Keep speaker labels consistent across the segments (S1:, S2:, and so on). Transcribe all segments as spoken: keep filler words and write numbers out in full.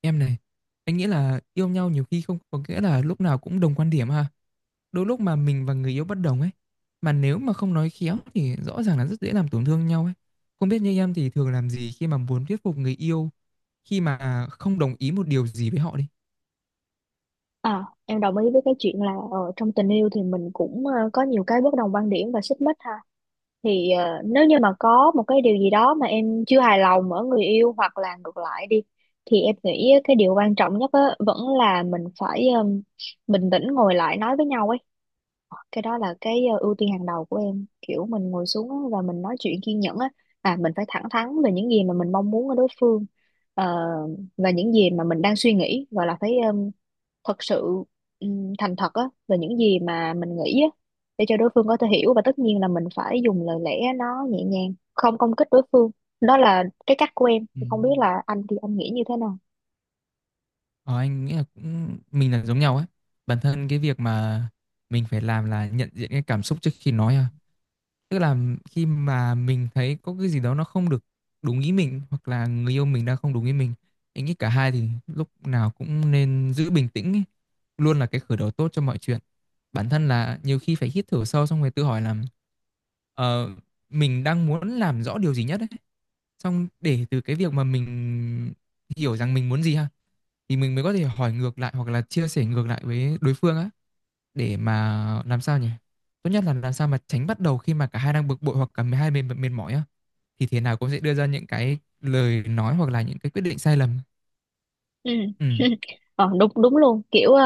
S1: Em này, anh nghĩ là yêu nhau nhiều khi không có nghĩa là lúc nào cũng đồng quan điểm ha. Đôi lúc mà mình và người yêu bất đồng ấy, mà nếu mà không nói khéo thì rõ ràng là rất dễ làm tổn thương nhau ấy. Không biết như em thì thường làm gì khi mà muốn thuyết phục người yêu khi mà không đồng ý một điều gì với họ đi.
S2: À, em đồng ý với cái chuyện là ờ, trong tình yêu thì mình cũng ờ, có nhiều cái bất đồng quan điểm và xích mích ha. Thì ờ, nếu như mà có một cái điều gì đó mà em chưa hài lòng ở người yêu hoặc là ngược lại đi thì em nghĩ cái điều quan trọng nhất á, vẫn là mình phải ừm, bình tĩnh ngồi lại nói với nhau ấy. Ờ, cái đó là cái ờ, ưu tiên hàng đầu của em. Kiểu mình ngồi xuống á và mình nói chuyện kiên nhẫn á. À, mình phải thẳng thắn về những gì mà mình mong muốn ở đối phương. Ờ, và những gì mà mình đang suy nghĩ gọi là phải ờ, thật sự ừm, thành thật á về những gì mà mình nghĩ á để cho đối phương có thể hiểu, và tất nhiên là mình phải dùng lời lẽ nó nhẹ nhàng không công kích đối phương. Đó là cái cách của em,
S1: Ừ.
S2: không biết là anh thì anh nghĩ như thế nào.
S1: Ờ, anh nghĩ là cũng mình là giống nhau ấy. Bản thân cái việc mà mình phải làm là nhận diện cái cảm xúc trước khi nói à. Tức là khi mà mình thấy có cái gì đó nó không được đúng ý mình hoặc là người yêu mình đang không đúng ý mình, anh nghĩ cả hai thì lúc nào cũng nên giữ bình tĩnh ý. Luôn là cái khởi đầu tốt cho mọi chuyện, bản thân là nhiều khi phải hít thở sâu xong rồi tự hỏi là ờ, mình đang muốn làm rõ điều gì nhất ấy, xong để từ cái việc mà mình hiểu rằng mình muốn gì ha, thì mình mới có thể hỏi ngược lại hoặc là chia sẻ ngược lại với đối phương á, để mà làm sao nhỉ? Tốt nhất là làm sao mà tránh bắt đầu khi mà cả hai đang bực bội hoặc cả hai bên mệt mỏi á, thì thế nào cũng sẽ đưa ra những cái lời nói hoặc là những cái quyết định sai lầm.
S2: Ừ.
S1: Ừ,
S2: ờ, Đúng, đúng luôn, kiểu ờ,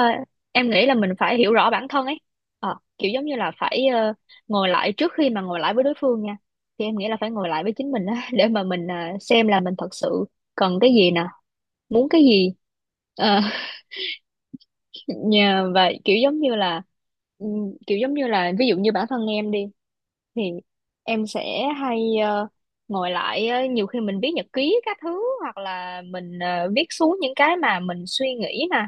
S2: em nghĩ là mình phải hiểu rõ bản thân ấy. Ờ, kiểu giống như là phải ờ, ngồi lại trước khi mà ngồi lại với đối phương nha, thì em nghĩ là phải ngồi lại với chính mình á để mà mình ờ, xem là mình thật sự cần cái gì nè, muốn cái gì. Ờ, nhà vậy kiểu giống như là ừm, kiểu giống như là ví dụ như bản thân em đi thì em sẽ hay ờ, ngồi lại. ờ, Nhiều khi mình viết nhật ký các thứ hoặc là mình ờ, viết xuống những cái mà mình suy nghĩ nè.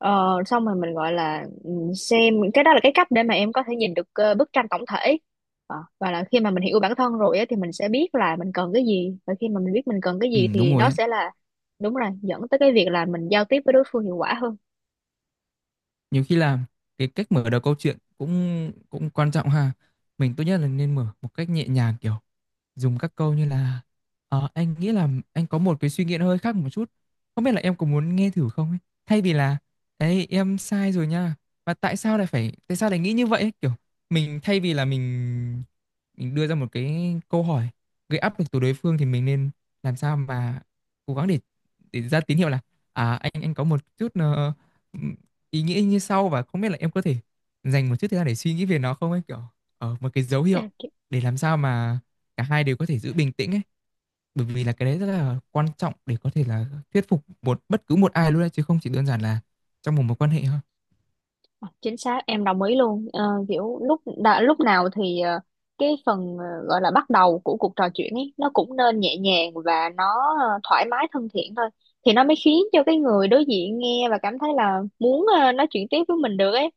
S2: Ờ, xong rồi mình gọi là ừm, xem cái đó là cái cách để mà em có thể nhìn được ờ, bức tranh tổng thể. Ờ, và là khi mà mình hiểu bản thân rồi á, thì mình sẽ biết là mình cần cái gì, và khi mà mình biết mình cần cái
S1: ừ
S2: gì
S1: đúng
S2: thì
S1: rồi
S2: đó
S1: ấy.
S2: sẽ là đúng rồi, dẫn tới cái việc là mình giao tiếp với đối phương hiệu quả hơn.
S1: Nhiều khi là cái cách mở đầu câu chuyện cũng cũng quan trọng ha. Mình tốt nhất là nên mở một cách nhẹ nhàng kiểu dùng các câu như là "Ờ, anh nghĩ là anh có một cái suy nghĩ nó hơi khác một chút, không biết là em có muốn nghe thử không ấy", thay vì là "ấy em sai rồi nha và tại sao lại phải tại sao lại nghĩ như vậy ấy?". Kiểu mình thay vì là mình mình đưa ra một cái câu hỏi gây áp lực từ đối phương thì mình nên làm sao mà cố gắng để để ra tín hiệu là à anh anh có một chút ờ, ừm, ý nghĩa như sau và không biết là em có thể dành một chút thời gian để suy nghĩ về nó không ấy, kiểu ở một cái dấu hiệu
S2: Yeah.
S1: để làm sao mà cả hai đều có thể giữ bình tĩnh ấy, bởi vì là cái đấy rất là quan trọng để có thể là thuyết phục một bất cứ một ai luôn đấy chứ không chỉ đơn giản là trong một mối quan hệ thôi.
S2: Chính xác, em đồng ý luôn. Ờ, kiểu lúc đã, lúc nào thì ờ, cái phần ờ, gọi là bắt đầu của cuộc trò chuyện ấy nó cũng nên nhẹ nhàng và nó ờ, thoải mái thân thiện thôi, thì nó mới khiến cho cái người đối diện nghe và cảm thấy là muốn ờ, nói chuyện tiếp với mình được ấy.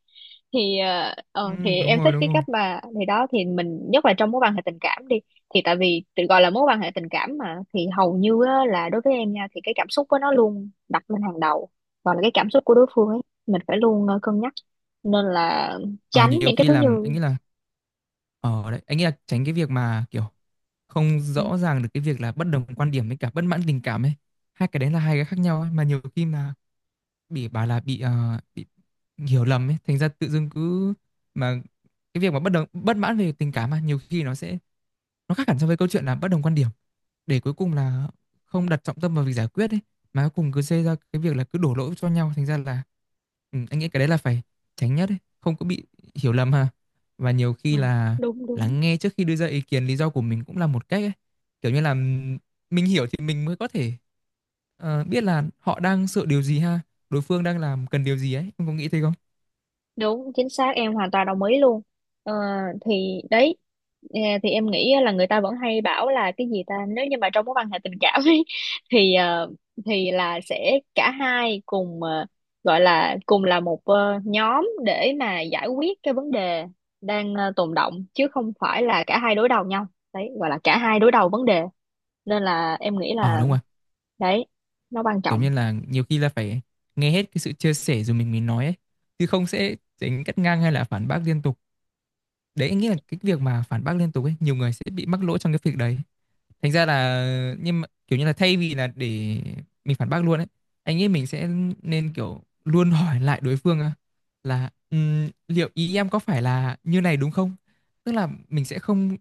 S2: Thì ờ,
S1: Ừ,
S2: ờ, thì
S1: đúng
S2: em
S1: rồi
S2: thích
S1: đúng
S2: cái
S1: rồi.
S2: cách mà thì đó thì mình nhất là trong mối quan hệ tình cảm đi, thì tại vì tự gọi là mối quan hệ tình cảm mà thì hầu như á, là đối với em nha thì cái cảm xúc của nó luôn đặt lên hàng đầu, và là cái cảm xúc của đối phương ấy mình phải luôn ờ, cân nhắc, nên là
S1: Ở
S2: tránh
S1: nhiều
S2: những cái
S1: khi
S2: thứ
S1: làm anh
S2: như
S1: nghĩ là ở đấy anh nghĩ là tránh cái việc mà kiểu không
S2: ừ,
S1: rõ ràng được cái việc là bất đồng quan điểm với cả bất mãn tình cảm ấy, hai cái đấy là hai cái khác nhau ấy. Mà nhiều khi mà bị bảo là bị, ờ, bị hiểu lầm ấy, thành ra tự dưng cứ mà cái việc mà bất đồng bất mãn về tình cảm mà nhiều khi nó sẽ nó khác hẳn so với câu chuyện là bất đồng quan điểm, để cuối cùng là không đặt trọng tâm vào việc giải quyết ấy, mà cuối cùng cứ xây ra cái việc là cứ đổ lỗi cho nhau, thành ra là ừ, anh nghĩ cái đấy là phải tránh nhất ấy, không có bị hiểu lầm ha. Và nhiều khi
S2: ừ,
S1: là
S2: đúng đúng.
S1: lắng nghe trước khi đưa ra ý kiến lý do của mình cũng là một cách ấy, kiểu như là ừm, mình hiểu thì mình mới có thể ờ, biết là họ đang sợ điều gì ha, đối phương đang làm cần điều gì ấy, em có nghĩ thế không?
S2: Đúng chính xác, em hoàn toàn đồng ý luôn. ờ, thì đấy, ờ, thì em nghĩ là người ta vẫn hay bảo là cái gì ta nếu như mà trong mối quan hệ tình cảm ấy, thì ờ, thì là sẽ cả hai cùng ờ, gọi là cùng là một ờ, nhóm để mà giải quyết cái vấn đề đang ờ, tồn động, chứ không phải là cả hai đối đầu nhau. Đấy, gọi là cả hai đối đầu vấn đề. Nên là em nghĩ
S1: Ờ
S2: là
S1: đúng rồi.
S2: đấy, nó quan
S1: Kiểu
S2: trọng.
S1: như là nhiều khi là phải nghe hết cái sự chia sẻ rồi mình mới nói ấy, chứ không sẽ tránh cắt ngang hay là phản bác liên tục. Đấy, anh nghĩ là cái việc mà phản bác liên tục ấy, nhiều người sẽ bị mắc lỗi trong cái việc đấy. Thành ra là nhưng mà kiểu như là thay vì là để mình phản bác luôn ấy, anh nghĩ mình sẽ nên kiểu luôn hỏi lại đối phương á, là "Ừm, liệu ý em có phải là như này đúng không?". Tức là mình sẽ không,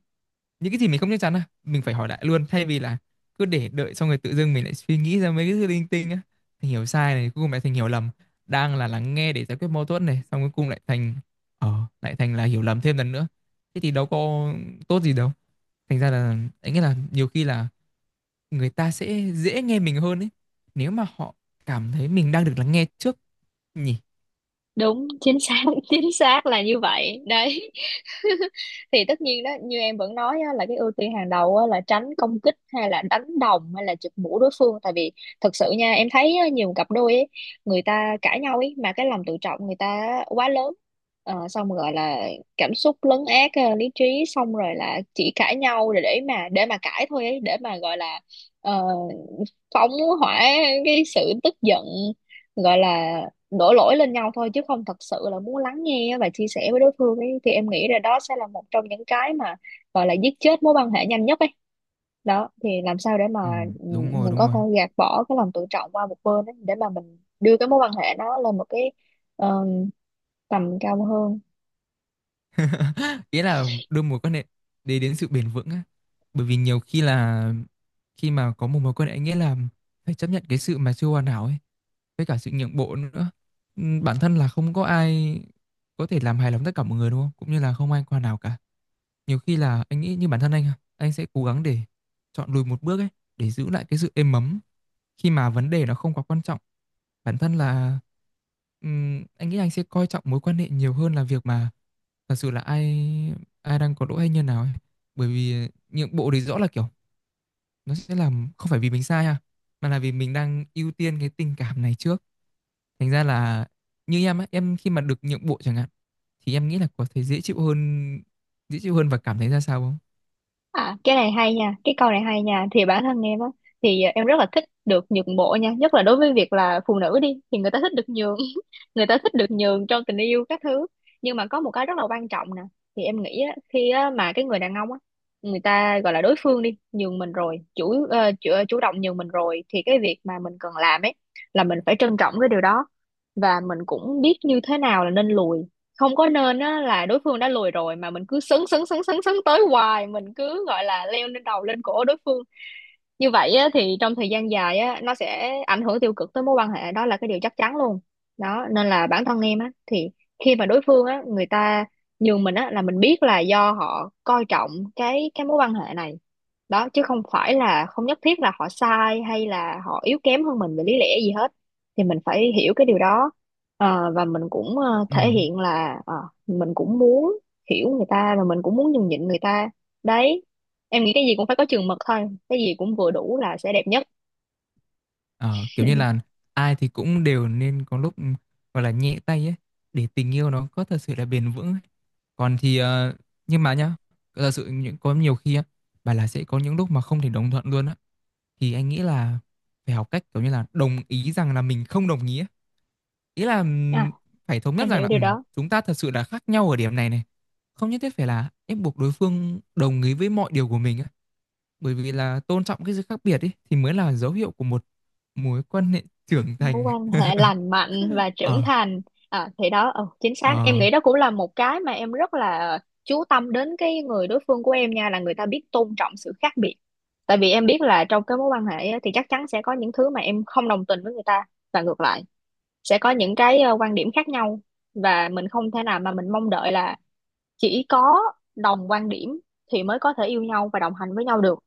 S1: những cái gì mình không chắc chắn à mình phải hỏi lại luôn, thay vì là cứ để đợi xong rồi tự dưng mình lại suy nghĩ ra mấy cái thứ linh tinh á, thành hiểu sai này cuối cùng lại thành hiểu lầm, đang là lắng nghe để giải quyết mâu thuẫn này xong cuối cùng lại thành ờ lại thành là hiểu lầm thêm lần nữa, thế thì đâu có tốt gì đâu. Thành ra là anh nghĩ là nhiều khi là người ta sẽ dễ nghe mình hơn ấy, nếu mà họ cảm thấy mình đang được lắng nghe trước nhỉ.
S2: Đúng, chính xác, chính xác là như vậy đấy. Thì tất nhiên đó như em vẫn nói á, là cái ưu tiên hàng đầu á, là tránh công kích hay là đánh đồng hay là chụp mũ đối phương, tại vì thật sự nha em thấy á, nhiều cặp đôi ấy, người ta cãi nhau ấy mà cái lòng tự trọng người ta quá lớn. Ờ, xong rồi gọi là cảm xúc lấn át ờ, lý trí, xong rồi là chỉ cãi nhau để, để mà để mà cãi thôi ấy, để mà gọi là ờ, phóng hỏa cái sự tức giận, gọi là đổ lỗi lên nhau thôi, chứ không thật sự là muốn lắng nghe và chia sẻ với đối phương ấy. Thì em nghĩ là đó sẽ là một trong những cái mà gọi là giết chết mối quan hệ nhanh nhất ấy. Đó thì làm sao để mà
S1: Ừ,
S2: ừ,
S1: đúng rồi,
S2: mình
S1: đúng
S2: có
S1: rồi.
S2: thể gạt bỏ cái lòng tự trọng qua một bên ấy, để mà mình đưa cái mối quan hệ nó lên một cái ờ, tầm cao hơn.
S1: Ý là đưa mối quan hệ để đến sự bền vững á, bởi vì nhiều khi là khi mà có một mối quan hệ nghĩa là phải chấp nhận cái sự mà chưa hoàn hảo ấy, với cả sự nhượng bộ nữa. Ừm, bản thân là không có ai có thể làm hài lòng tất cả mọi người đúng không, cũng như là không ai hoàn hảo cả. Nhiều khi là anh nghĩ như bản thân anh à, anh sẽ cố gắng để chọn lùi một bước ấy, để giữ lại cái sự êm ấm khi mà vấn đề nó không quá quan trọng. Bản thân là ừm, anh nghĩ anh sẽ coi trọng mối quan hệ nhiều hơn là việc mà thật sự là ai ai đang có lỗi hay như nào ấy, bởi vì nhượng bộ thì rõ là kiểu nó sẽ làm không phải vì mình sai ha, mà là vì mình đang ưu tiên cái tình cảm này trước. Thành ra là như em á, em khi mà được nhượng bộ chẳng hạn thì em nghĩ là có thể dễ chịu hơn, dễ chịu hơn và cảm thấy ra sao không?
S2: À, cái này hay nha, cái câu này hay nha. Thì bản thân em á, thì em rất là thích được nhượng bộ nha, nhất là đối với việc là phụ nữ đi, thì người ta thích được nhường, người ta thích được nhường trong tình yêu các thứ. Nhưng mà có một cái rất là quan trọng nè, thì em nghĩ á, khi á, mà cái người đàn ông á, người ta gọi là đối phương đi, nhường mình rồi, chủ, ờ, chủ ờ, chủ động nhường mình rồi, thì cái việc mà mình cần làm ấy là mình phải trân trọng cái điều đó, và mình cũng biết như thế nào là nên lùi. Không có nên á là đối phương đã lùi rồi mà mình cứ sấn sấn sấn sấn sấn tới hoài, mình cứ gọi là leo lên đầu lên cổ đối phương. Như vậy á, thì trong thời gian dài á, nó sẽ ảnh hưởng tiêu cực tới mối quan hệ, đó là cái điều chắc chắn luôn. Đó nên là bản thân em á, thì khi mà đối phương á người ta nhường mình á là mình biết là do họ coi trọng cái cái mối quan hệ này. Đó chứ không phải là không nhất thiết là họ sai hay là họ yếu kém hơn mình về lý lẽ gì hết, thì mình phải hiểu cái điều đó. Ờ, và mình cũng ờ,
S1: Ừ.
S2: thể hiện là ờ, mình cũng muốn hiểu người ta và mình cũng muốn nhường nhịn người ta. Đấy, em nghĩ cái gì cũng phải có chừng mực thôi, cái gì cũng vừa đủ là sẽ đẹp nhất.
S1: Ờ, kiểu như là ai thì cũng đều nên có lúc ừ, gọi là nhẹ tay ấy để tình yêu nó có thật sự là bền vững ấy. Còn thì ờ, nhưng mà nhá, thật sự những có nhiều khi á, bà là sẽ có những lúc mà không thể đồng thuận luôn á, thì anh nghĩ là phải học cách kiểu như là đồng ý rằng là mình không đồng ý ấy. Ý là
S2: À,
S1: ừm, phải thống nhất
S2: em
S1: rằng là
S2: hiểu điều
S1: ừm,
S2: đó.
S1: chúng ta thật sự là khác nhau ở điểm này này, không nhất thiết phải là ép buộc đối phương đồng ý với mọi điều của mình á, bởi vì là tôn trọng cái sự khác biệt ấy thì mới là dấu hiệu của một mối quan hệ trưởng
S2: Mối
S1: thành.
S2: quan hệ lành mạnh và trưởng
S1: Ờ
S2: thành. À, thì đó ừ, chính xác, em
S1: ờ
S2: nghĩ đó cũng là một cái mà em rất là chú tâm đến cái người đối phương của em nha, là người ta biết tôn trọng sự khác biệt. Tại vì em biết là trong cái mối quan hệ á, thì chắc chắn sẽ có những thứ mà em không đồng tình với người ta, và ngược lại sẽ có những cái ờ, quan điểm khác nhau. Và mình không thể nào mà mình mong đợi là chỉ có đồng quan điểm thì mới có thể yêu nhau và đồng hành với nhau được.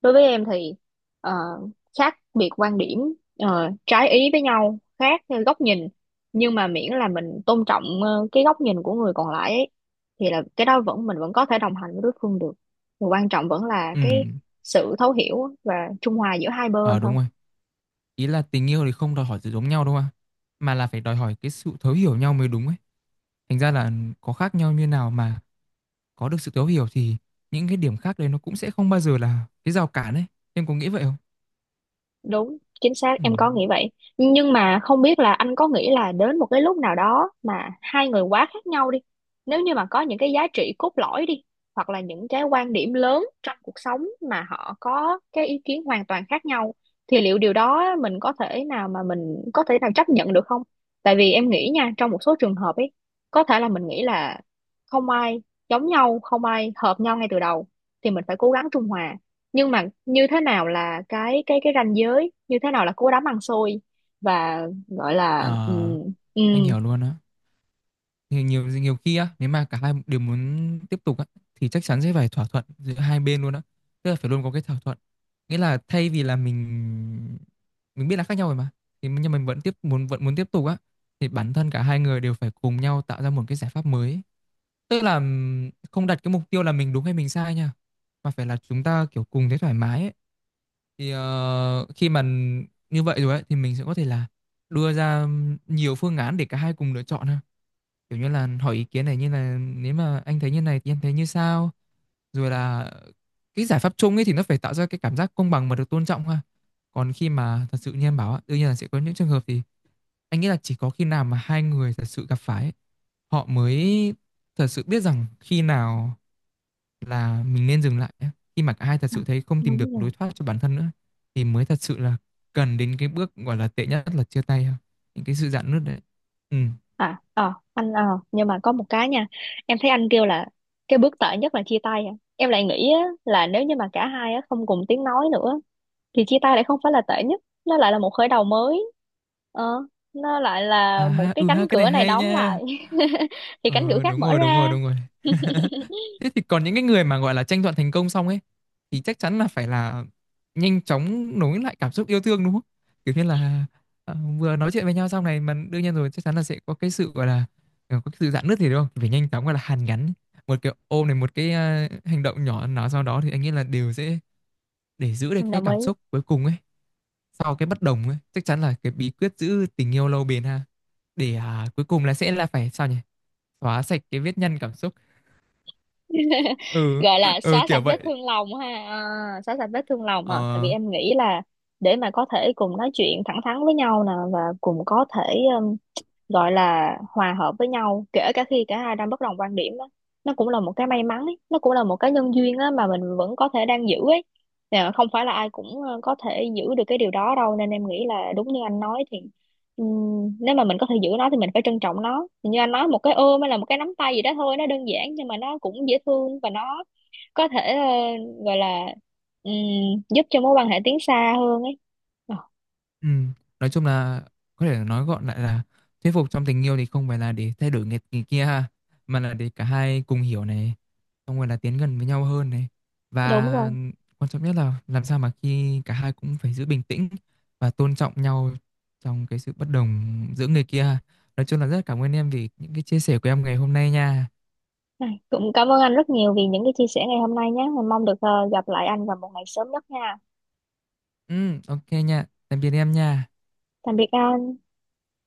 S2: Đối với em thì ờ, khác biệt quan điểm, ờ, trái ý với nhau, khác theo góc nhìn, nhưng mà miễn là mình tôn trọng ờ, cái góc nhìn của người còn lại ấy, thì là cái đó vẫn mình vẫn có thể đồng hành với đối phương được. Điều quan trọng vẫn là cái
S1: ừ
S2: sự thấu hiểu và trung hòa giữa hai
S1: ờ
S2: bên thôi.
S1: đúng rồi. Ý là tình yêu thì không đòi hỏi sự giống nhau đâu mà mà là phải đòi hỏi cái sự thấu hiểu nhau mới đúng ấy. Thành ra là có khác nhau như nào mà có được sự thấu hiểu thì những cái điểm khác đấy nó cũng sẽ không bao giờ là cái rào cản ấy, em có nghĩ vậy không?
S2: Đúng, chính xác,
S1: Ừ.
S2: em có nghĩ vậy. Nhưng mà không biết là anh có nghĩ là đến một cái lúc nào đó mà hai người quá khác nhau đi. Nếu như mà có những cái giá trị cốt lõi đi, hoặc là những cái quan điểm lớn trong cuộc sống mà họ có cái ý kiến hoàn toàn khác nhau, thì liệu điều đó mình có thể nào mà mình có thể nào chấp nhận được không? Tại vì em nghĩ nha, trong một số trường hợp ấy, có thể là mình nghĩ là không ai giống nhau, không ai hợp nhau ngay từ đầu, thì mình phải cố gắng trung hòa, nhưng mà như thế nào là cái cái cái ranh giới, như thế nào là cú đấm ăn xôi và gọi
S1: ờ
S2: là ừ, ừ.
S1: anh hiểu luôn á. Thì nhiều nhiều khi á nếu mà cả hai đều muốn tiếp tục á thì chắc chắn sẽ phải thỏa thuận giữa hai bên luôn á, tức là phải luôn có cái thỏa thuận, nghĩa là thay vì là mình mình biết là khác nhau rồi mà thì nhưng mình vẫn tiếp muốn vẫn muốn tiếp tục á thì bản thân cả hai người đều phải cùng nhau tạo ra một cái giải pháp mới ấy. Tức là ừm, không đặt cái mục tiêu là mình đúng hay mình sai nha, mà phải là chúng ta kiểu cùng thấy thoải mái ấy. Thì ờ, khi mà như vậy rồi ấy, thì mình sẽ có thể là đưa ra nhiều phương án để cả hai cùng lựa chọn ha, kiểu như là hỏi ý kiến này như là nếu mà anh thấy như này thì em thấy như sao, rồi là cái giải pháp chung ấy thì nó phải tạo ra cái cảm giác công bằng mà được tôn trọng ha. Còn khi mà thật sự như em bảo á, đương nhiên là sẽ có những trường hợp thì anh nghĩ là chỉ có khi nào mà hai người thật sự gặp phải ấy, họ mới thật sự biết rằng khi nào là mình nên dừng lại á, khi mà cả hai thật
S2: À,
S1: sự thấy không tìm
S2: đúng
S1: được
S2: rồi.
S1: lối thoát cho bản thân nữa thì mới thật sự là cần đến cái bước gọi là tệ nhất là chia tay ha, những cái sự rạn nứt đấy. Ừ
S2: À ờ anh ờ Nhưng mà có một cái nha, em thấy anh kêu là cái bước tệ nhất là chia tay à. Em lại nghĩ á, là nếu như mà cả hai á, không cùng tiếng nói nữa thì chia tay lại không phải là tệ nhất, nó lại là một khởi đầu mới. Ờ, nó lại
S1: à
S2: là một
S1: ha
S2: cái
S1: ừ
S2: cánh
S1: ha, cái này
S2: cửa này
S1: hay
S2: đóng
S1: nha.
S2: lại thì cánh cửa
S1: Ờ
S2: khác
S1: đúng
S2: mở
S1: rồi, đúng rồi,
S2: ra.
S1: đúng rồi. Thế thì còn những cái người mà gọi là tranh thuận thành công xong ấy thì chắc chắn là phải là nhanh chóng nối lại cảm xúc yêu thương đúng không? Kiểu như là ờ, vừa nói chuyện với nhau xong này mà đương nhiên rồi chắc chắn là sẽ có cái sự gọi là ờ, có cái sự rạn nứt thì đúng không? Phải nhanh chóng gọi là hàn gắn, một cái ôm này một cái ờ, hành động nhỏ nào sau đó thì anh nghĩ là đều sẽ để giữ được
S2: Em
S1: cái
S2: đồng ý.
S1: cảm xúc cuối cùng ấy sau cái bất đồng ấy, chắc chắn là cái bí quyết giữ tình yêu lâu bền ha, để à, cuối cùng là sẽ là phải sao nhỉ? Xóa sạch cái vết nhăn cảm xúc. Ừ
S2: Gọi là
S1: ừ
S2: xóa
S1: kiểu
S2: sạch vết
S1: vậy.
S2: thương lòng ha. À, xóa sạch vết thương lòng. À, tại vì
S1: Ờ
S2: em nghĩ là để mà có thể cùng nói chuyện thẳng thắn với nhau nè, và cùng có thể um, gọi là hòa hợp với nhau kể cả khi cả hai đang bất đồng quan điểm á, nó cũng là một cái may mắn ấy. Nó cũng là một cái nhân duyên á mà mình vẫn có thể đang giữ ấy. Nè, không phải là ai cũng ờ, có thể giữ được cái điều đó đâu, nên em nghĩ là đúng như anh nói thì ừm, nếu mà mình có thể giữ nó thì mình phải trân trọng nó. Thì như anh nói, một cái ôm hay là một cái nắm tay gì đó thôi, nó đơn giản nhưng mà nó cũng dễ thương và nó có thể ờ, gọi là ừm, giúp cho mối quan hệ tiến xa hơn ấy. Ờ,
S1: ừ. Nói chung là có thể nói gọn lại là thuyết phục trong tình yêu thì không phải là để thay đổi người, người kia ha, mà là để cả hai cùng hiểu này, xong rồi là tiến gần với nhau hơn này, và
S2: đúng rồi.
S1: quan trọng nhất là làm sao mà khi cả hai cũng phải giữ bình tĩnh và tôn trọng nhau trong cái sự bất đồng giữa người kia ha. Nói chung là rất cảm ơn em vì những cái chia sẻ của em ngày hôm nay nha.
S2: Này, cũng cảm ơn anh rất nhiều vì những cái chia sẻ ngày hôm nay nhé. Mình mong được ờ, gặp lại anh vào một ngày sớm nhất nha.
S1: Ừ ok nha, tạm biệt em nha.
S2: Tạm biệt anh.